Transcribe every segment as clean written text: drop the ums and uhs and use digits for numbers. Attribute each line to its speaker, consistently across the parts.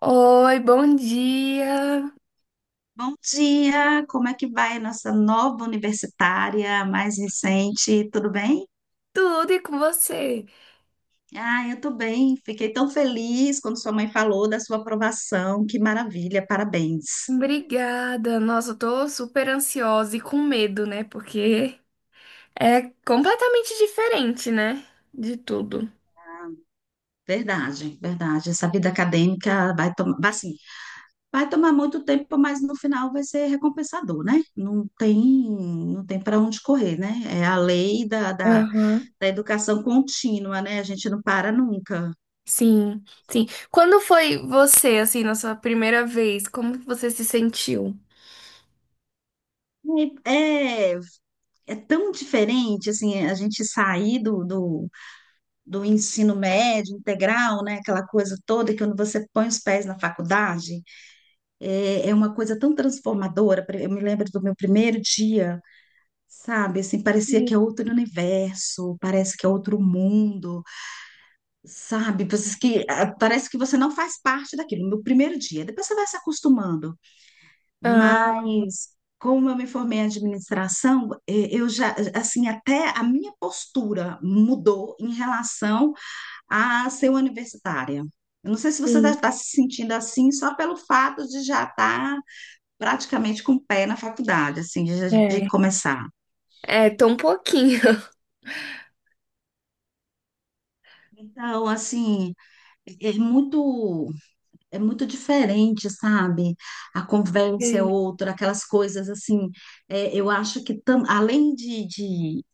Speaker 1: Oi, bom dia!
Speaker 2: Bom dia, como é que vai nossa nova universitária, a mais recente? Tudo bem?
Speaker 1: Tudo e com você?
Speaker 2: Ah, eu tô bem. Fiquei tão feliz quando sua mãe falou da sua aprovação. Que maravilha, parabéns.
Speaker 1: Obrigada! Nossa, eu tô super ansiosa e com medo, né? Porque é completamente diferente, né? De tudo.
Speaker 2: Verdade, verdade. Essa vida acadêmica assim, vai tomar muito tempo, mas no final vai ser recompensador, né? Não tem para onde correr, né? É a lei da, da,
Speaker 1: Aham.
Speaker 2: da educação contínua, né? A gente não para nunca.
Speaker 1: Sim, sim. Quando foi você, assim, na sua primeira vez? Como que você se sentiu?
Speaker 2: É, É tão diferente, assim, a gente sair do ensino médio integral, né, aquela coisa toda que quando você põe os pés na faculdade, é uma coisa tão transformadora. Eu me lembro do meu primeiro dia, sabe, assim, parecia
Speaker 1: Sim.
Speaker 2: que é outro universo, parece que é outro mundo, sabe, parece que você não faz parte daquilo, no primeiro dia. Depois você vai se acostumando,
Speaker 1: Ah,
Speaker 2: mas como eu me formei em administração, eu já, assim, até a minha postura mudou em relação a ser universitária. Eu não sei se você
Speaker 1: sim.
Speaker 2: está se sentindo assim, só pelo fato de já estar praticamente com o pé na faculdade, assim, de
Speaker 1: É.
Speaker 2: começar.
Speaker 1: É, tô um pouquinho.
Speaker 2: Então, assim, é é muito, é muito diferente, sabe? A conversa é
Speaker 1: É.
Speaker 2: outra, aquelas coisas assim. Eh, eu acho que, além de, de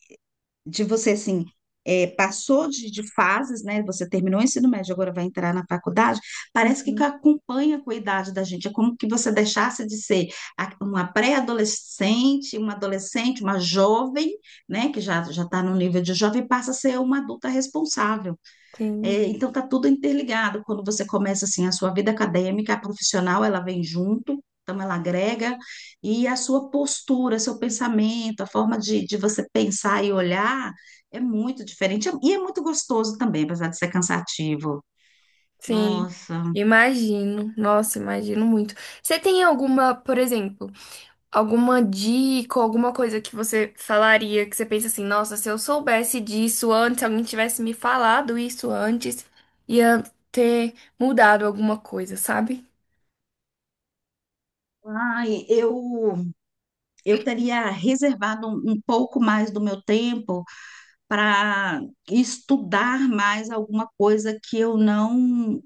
Speaker 2: de você, assim, passou de fases, né? Você terminou o ensino médio, agora vai entrar na faculdade. Parece que
Speaker 1: Uhum.
Speaker 2: acompanha com a idade da gente. É como que você deixasse de ser uma pré-adolescente, uma adolescente, uma jovem, né? Que já já está no nível de jovem, e passa a ser uma adulta responsável. É,
Speaker 1: Sim,
Speaker 2: então tá tudo interligado. Quando você começa assim a sua vida acadêmica, a profissional, ela vem junto, então ela agrega, e a sua postura, seu pensamento, a forma de você pensar e olhar é muito diferente e é muito gostoso também, apesar de ser cansativo.
Speaker 1: sim.
Speaker 2: Nossa,
Speaker 1: Imagino. Nossa, imagino muito. Você tem alguma, por exemplo? Alguma dica, alguma coisa que você falaria, que você pensa assim, nossa, se eu soubesse disso antes, se alguém tivesse me falado isso antes, ia ter mudado alguma coisa, sabe?
Speaker 2: ai, eu teria reservado um pouco mais do meu tempo para estudar mais alguma coisa que eu não,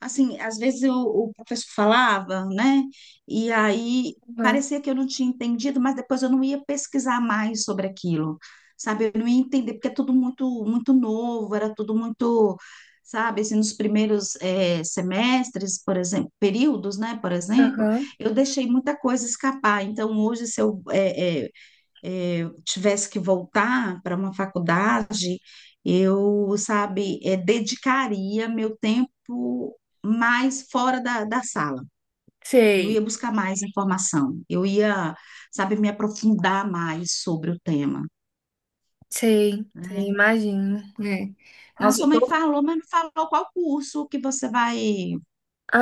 Speaker 2: assim, às vezes o professor falava, né? E aí
Speaker 1: Aham,
Speaker 2: parecia que eu não tinha entendido, mas depois eu não ia pesquisar mais sobre aquilo, sabe? Eu não ia entender, porque é tudo muito, muito novo, era tudo muito, sabe? Assim, nos primeiros semestres, por exemplo, períodos, né? Por exemplo,
Speaker 1: aham.
Speaker 2: eu deixei muita coisa escapar. Então, hoje, se eu eh, eh, eh, eu tivesse que voltar para uma faculdade, eu, sabe, dedicaria meu tempo mais fora da sala. Eu
Speaker 1: Sei,
Speaker 2: ia buscar mais informação, eu ia, sabe, me aprofundar mais sobre o tema,
Speaker 1: sei, sei,
Speaker 2: né?
Speaker 1: imagino, né?
Speaker 2: A
Speaker 1: Nossa,
Speaker 2: sua
Speaker 1: eu
Speaker 2: mãe
Speaker 1: tô...
Speaker 2: falou, mas não falou qual curso que você vai,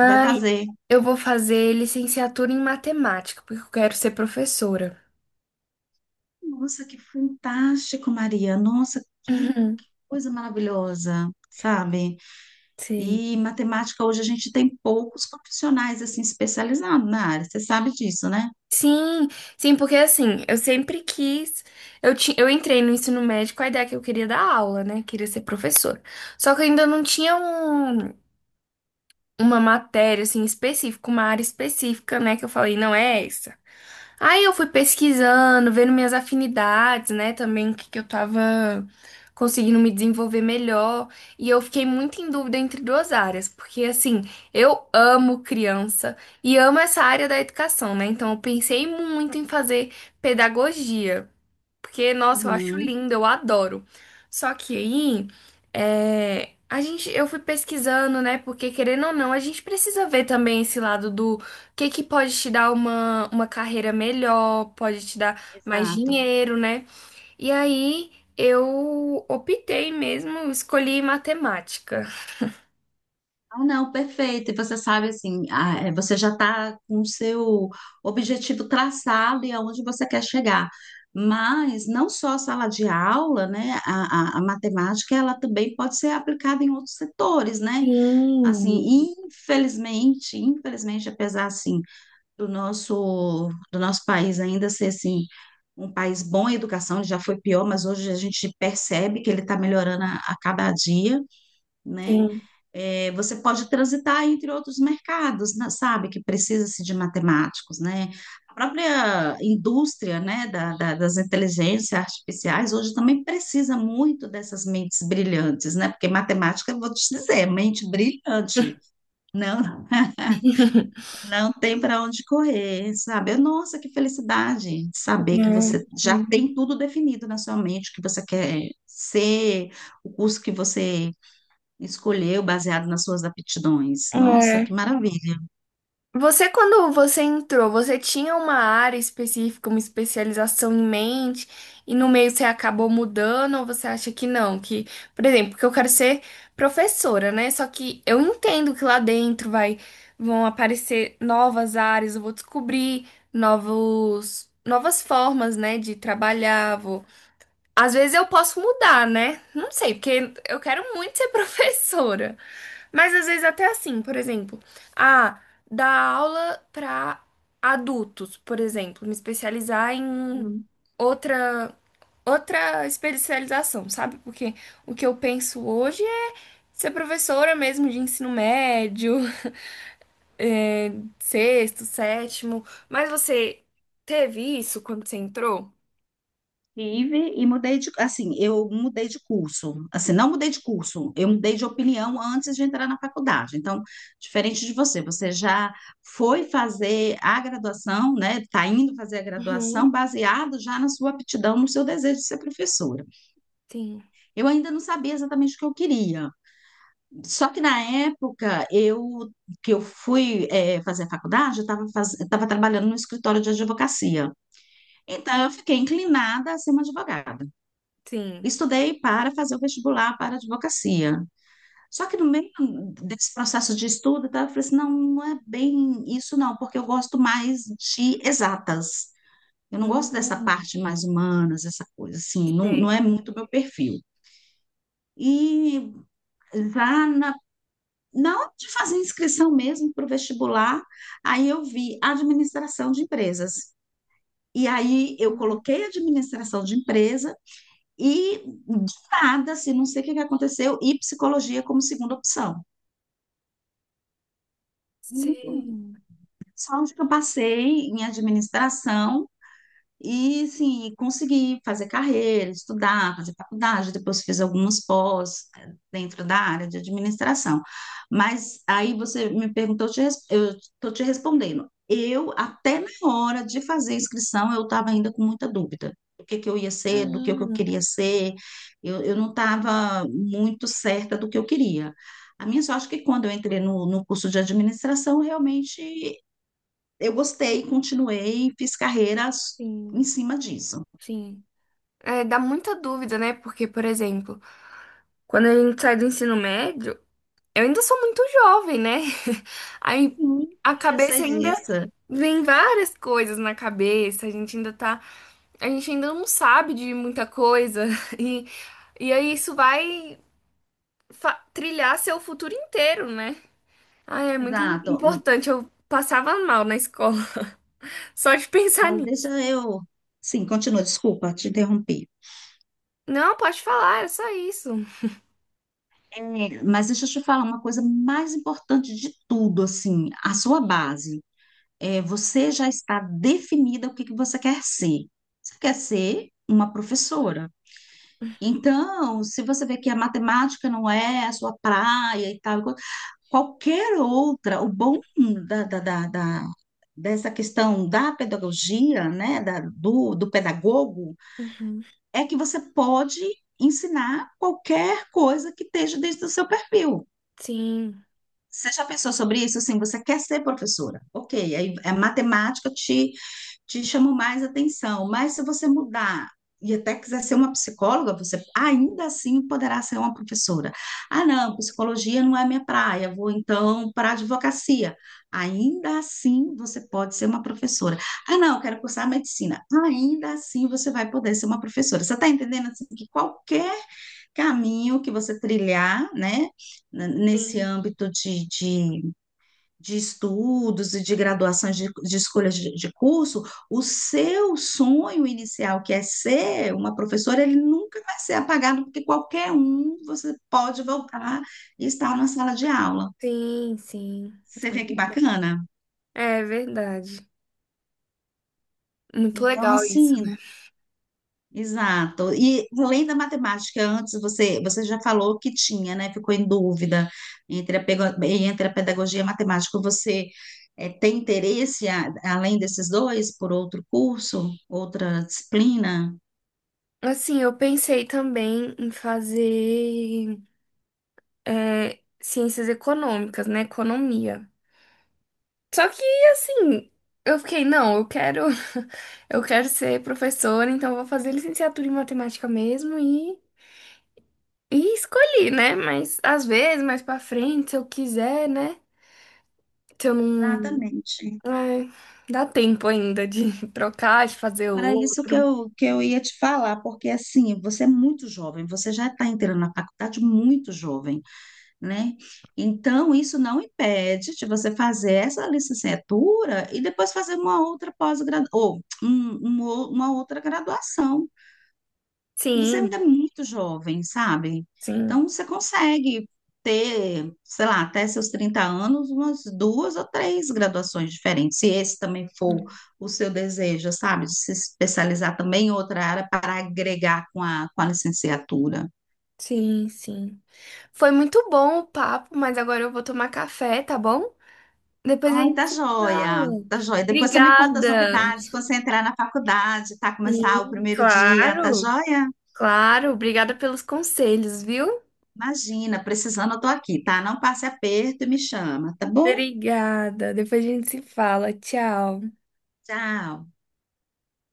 Speaker 2: vai fazer.
Speaker 1: eu vou fazer licenciatura em matemática, porque eu quero ser professora.
Speaker 2: Nossa, que fantástico, Maria. Nossa, que
Speaker 1: Uhum,
Speaker 2: coisa maravilhosa, sabe?
Speaker 1: sei.
Speaker 2: E matemática hoje a gente tem poucos profissionais assim especializados na área. Você sabe disso, né?
Speaker 1: Sim, sim, porque assim, eu sempre quis. Eu entrei no ensino médio com a ideia que eu queria dar aula, né? Queria ser professora. Só que eu ainda não tinha uma matéria, assim, específica, uma área específica, né? Que eu falei, não é essa. Aí eu fui pesquisando, vendo minhas afinidades, né? Também o que que eu tava conseguindo me desenvolver melhor. E eu fiquei muito em dúvida entre duas áreas, porque assim, eu amo criança e amo essa área da educação, né? Então eu pensei muito em fazer pedagogia. Porque, nossa, eu acho
Speaker 2: Uhum.
Speaker 1: lindo, eu adoro. Só que aí, é, eu fui pesquisando, né? Porque, querendo ou não, a gente precisa ver também esse lado do que pode te dar uma carreira melhor, pode te dar mais
Speaker 2: Exato.
Speaker 1: dinheiro, né? E aí, eu optei mesmo, escolhi matemática.
Speaker 2: Ah, não, perfeito. E você sabe assim, ah, é, você já está com o seu objetivo traçado e aonde você quer chegar. Mas não só a sala de aula, né? A matemática ela também pode ser aplicada em outros setores, né?
Speaker 1: Sim,
Speaker 2: Assim, infelizmente, infelizmente, apesar assim do nosso país ainda ser assim, um país bom em educação, ele já foi pior, mas hoje a gente percebe que ele está melhorando a cada dia, né?
Speaker 1: sim.
Speaker 2: É, você pode transitar entre outros mercados, né, sabe, que precisa-se de matemáticos, né? A própria indústria, né, das inteligências artificiais hoje também precisa muito dessas mentes brilhantes, né? Porque matemática, eu vou te dizer, é mente brilhante, não? Não tem para onde correr, sabe? Nossa, que felicidade saber que
Speaker 1: É,
Speaker 2: você já
Speaker 1: sim.
Speaker 2: tem tudo definido na sua mente, o que você quer ser, o curso que você escolheu baseado nas suas aptidões. Nossa, que
Speaker 1: É.
Speaker 2: maravilha.
Speaker 1: Você, quando você entrou, você tinha uma área específica, uma especialização em mente, e no meio você acabou mudando, ou você acha que não? Que, por exemplo, que eu quero ser professora, né? Só que eu entendo que lá dentro vão aparecer novas áreas, eu vou descobrir novas formas, né, de trabalhar, vou às vezes eu posso mudar, né? Não sei, porque eu quero muito ser professora. Mas às vezes até assim, por exemplo, ah, dar aula para adultos, por exemplo, me especializar em outra outra especialização, sabe? Porque o que eu penso hoje é ser professora mesmo de ensino médio, é, sexto, sétimo. Mas você teve isso quando você entrou?
Speaker 2: Tive e assim, eu mudei de curso. Assim, não mudei de curso, eu mudei de opinião antes de entrar na faculdade. Então, diferente de você, você já foi fazer a graduação, né? Está indo fazer a
Speaker 1: Uhum.
Speaker 2: graduação baseado já na sua aptidão, no seu desejo de ser professora.
Speaker 1: Sim,
Speaker 2: Eu ainda não sabia exatamente o que eu queria. Só que na época eu que eu fui fazer a faculdade, eu trabalhando no escritório de advocacia. Então, eu fiquei inclinada a ser uma advogada.
Speaker 1: sim.
Speaker 2: Estudei para fazer o vestibular para advocacia. Só que no meio desse processo de estudo, tá, eu falei assim, não, não é bem isso não, porque eu gosto mais de exatas. Eu não gosto dessa
Speaker 1: Hum.
Speaker 2: parte mais humanas, essa coisa assim, não, não
Speaker 1: Sim.
Speaker 2: é muito meu perfil. E já na hora de fazer inscrição mesmo para o vestibular, aí eu vi administração de empresas. E aí eu
Speaker 1: Hum.
Speaker 2: coloquei administração de empresa e, de nada, assim, não sei o que que aconteceu, e psicologia como segunda opção.
Speaker 1: Sei.
Speaker 2: Só onde que eu passei em administração, e, sim, consegui fazer carreira, estudar, fazer faculdade, depois fiz algumas pós dentro da área de administração. Mas aí você me perguntou, eu estou te respondendo. Até na hora de fazer a inscrição, eu estava ainda com muita dúvida do que eu ia ser, do que eu
Speaker 1: Hum,
Speaker 2: queria ser. Eu não estava muito certa do que eu queria. A minha sorte é que quando eu entrei no curso de administração, realmente eu gostei, continuei, fiz carreiras
Speaker 1: sim,
Speaker 2: em cima disso.
Speaker 1: sim. É, dá muita dúvida, né? Porque, por exemplo, quando a gente sai do ensino médio, eu ainda sou muito jovem, né? Aí
Speaker 2: Sim,
Speaker 1: a
Speaker 2: eu
Speaker 1: cabeça
Speaker 2: sei
Speaker 1: ainda
Speaker 2: disso.
Speaker 1: vem várias coisas na cabeça, a gente ainda tá, a gente ainda não sabe de muita coisa e aí isso vai trilhar seu futuro inteiro, né? Ah, é muito
Speaker 2: Exato.
Speaker 1: importante. Eu passava mal na escola só de pensar.
Speaker 2: Mas deixa eu. Sim, continua, desculpa, te interrompi.
Speaker 1: Não, pode falar, era só isso.
Speaker 2: É, mas deixa eu te falar uma coisa mais importante de tudo, assim, a sua base. É, você já está definida o que que você quer ser. Você quer ser uma professora. Então, se você vê que a matemática não é a sua praia e tal, qualquer outra, o bom da, da, da, da- dessa questão da pedagogia, né, do pedagogo,
Speaker 1: Uhum.
Speaker 2: é que você pode ensinar qualquer coisa que esteja dentro do seu perfil.
Speaker 1: Sim,
Speaker 2: Você já pensou sobre isso? Assim, você quer ser professora? Ok, aí a matemática te chamam mais atenção. Mas se você mudar e até quiser ser uma psicóloga, você ainda assim poderá ser uma professora. Ah, não, psicologia não é minha praia, vou então para a advocacia. Ainda assim você pode ser uma professora. Ah, não, quero cursar medicina. Ainda assim você vai poder ser uma professora. Você está entendendo assim, que qualquer caminho que você trilhar, né, nesse
Speaker 1: sim.
Speaker 2: âmbito de estudos e de graduações de escolhas de curso, o seu sonho inicial, que é ser uma professora, ele nunca vai ser apagado, porque qualquer um você pode voltar e estar na sala de aula.
Speaker 1: Sim, sim.
Speaker 2: Você vê que bacana?
Speaker 1: É verdade. Muito
Speaker 2: Então,
Speaker 1: legal isso,
Speaker 2: assim,
Speaker 1: né?
Speaker 2: exato. E além da matemática, antes você já falou que tinha, né? Ficou em dúvida entre a pedagogia e a matemática. Você tem interesse, além desses dois, por outro curso, outra disciplina?
Speaker 1: Assim, eu pensei também em fazer é, ciências econômicas, né? Economia. Só que, assim, eu fiquei, não, eu quero, eu quero ser professora, então eu vou fazer licenciatura em matemática mesmo e escolhi, né? Mas às vezes, mais pra frente, se eu quiser, né? Se eu não.
Speaker 2: Exatamente.
Speaker 1: Ai, dá tempo ainda de trocar, de fazer
Speaker 2: Era isso que
Speaker 1: outro.
Speaker 2: eu, que eu ia te falar, porque assim, você é muito jovem, você já está entrando na faculdade muito jovem, né? Então, isso não impede de você fazer essa licenciatura e depois fazer uma outra pós-graduação, ou um- um ou- uma outra graduação, que você ainda é
Speaker 1: Sim,
Speaker 2: muito jovem, sabe?
Speaker 1: sim.
Speaker 2: Então, você consegue ter, sei lá, até seus 30 anos, umas duas ou três graduações diferentes, se esse também for o seu desejo, sabe? De se especializar também em outra área para agregar com a licenciatura.
Speaker 1: Sim, sim. Foi muito bom o papo, mas agora eu vou tomar café, tá bom? Depois a
Speaker 2: Ai,
Speaker 1: gente
Speaker 2: tá
Speaker 1: se fala.
Speaker 2: joia, tá joia. Depois você me conta as
Speaker 1: Obrigada.
Speaker 2: novidades, quando você entrar na faculdade, tá? Começar o
Speaker 1: Sim,
Speaker 2: primeiro dia, tá
Speaker 1: claro.
Speaker 2: joia?
Speaker 1: Claro, obrigada pelos conselhos, viu?
Speaker 2: Imagina, precisando, eu tô aqui, tá? Não passe aperto e me chama, tá bom?
Speaker 1: Obrigada. Depois a gente se fala. Tchau.
Speaker 2: Tchau.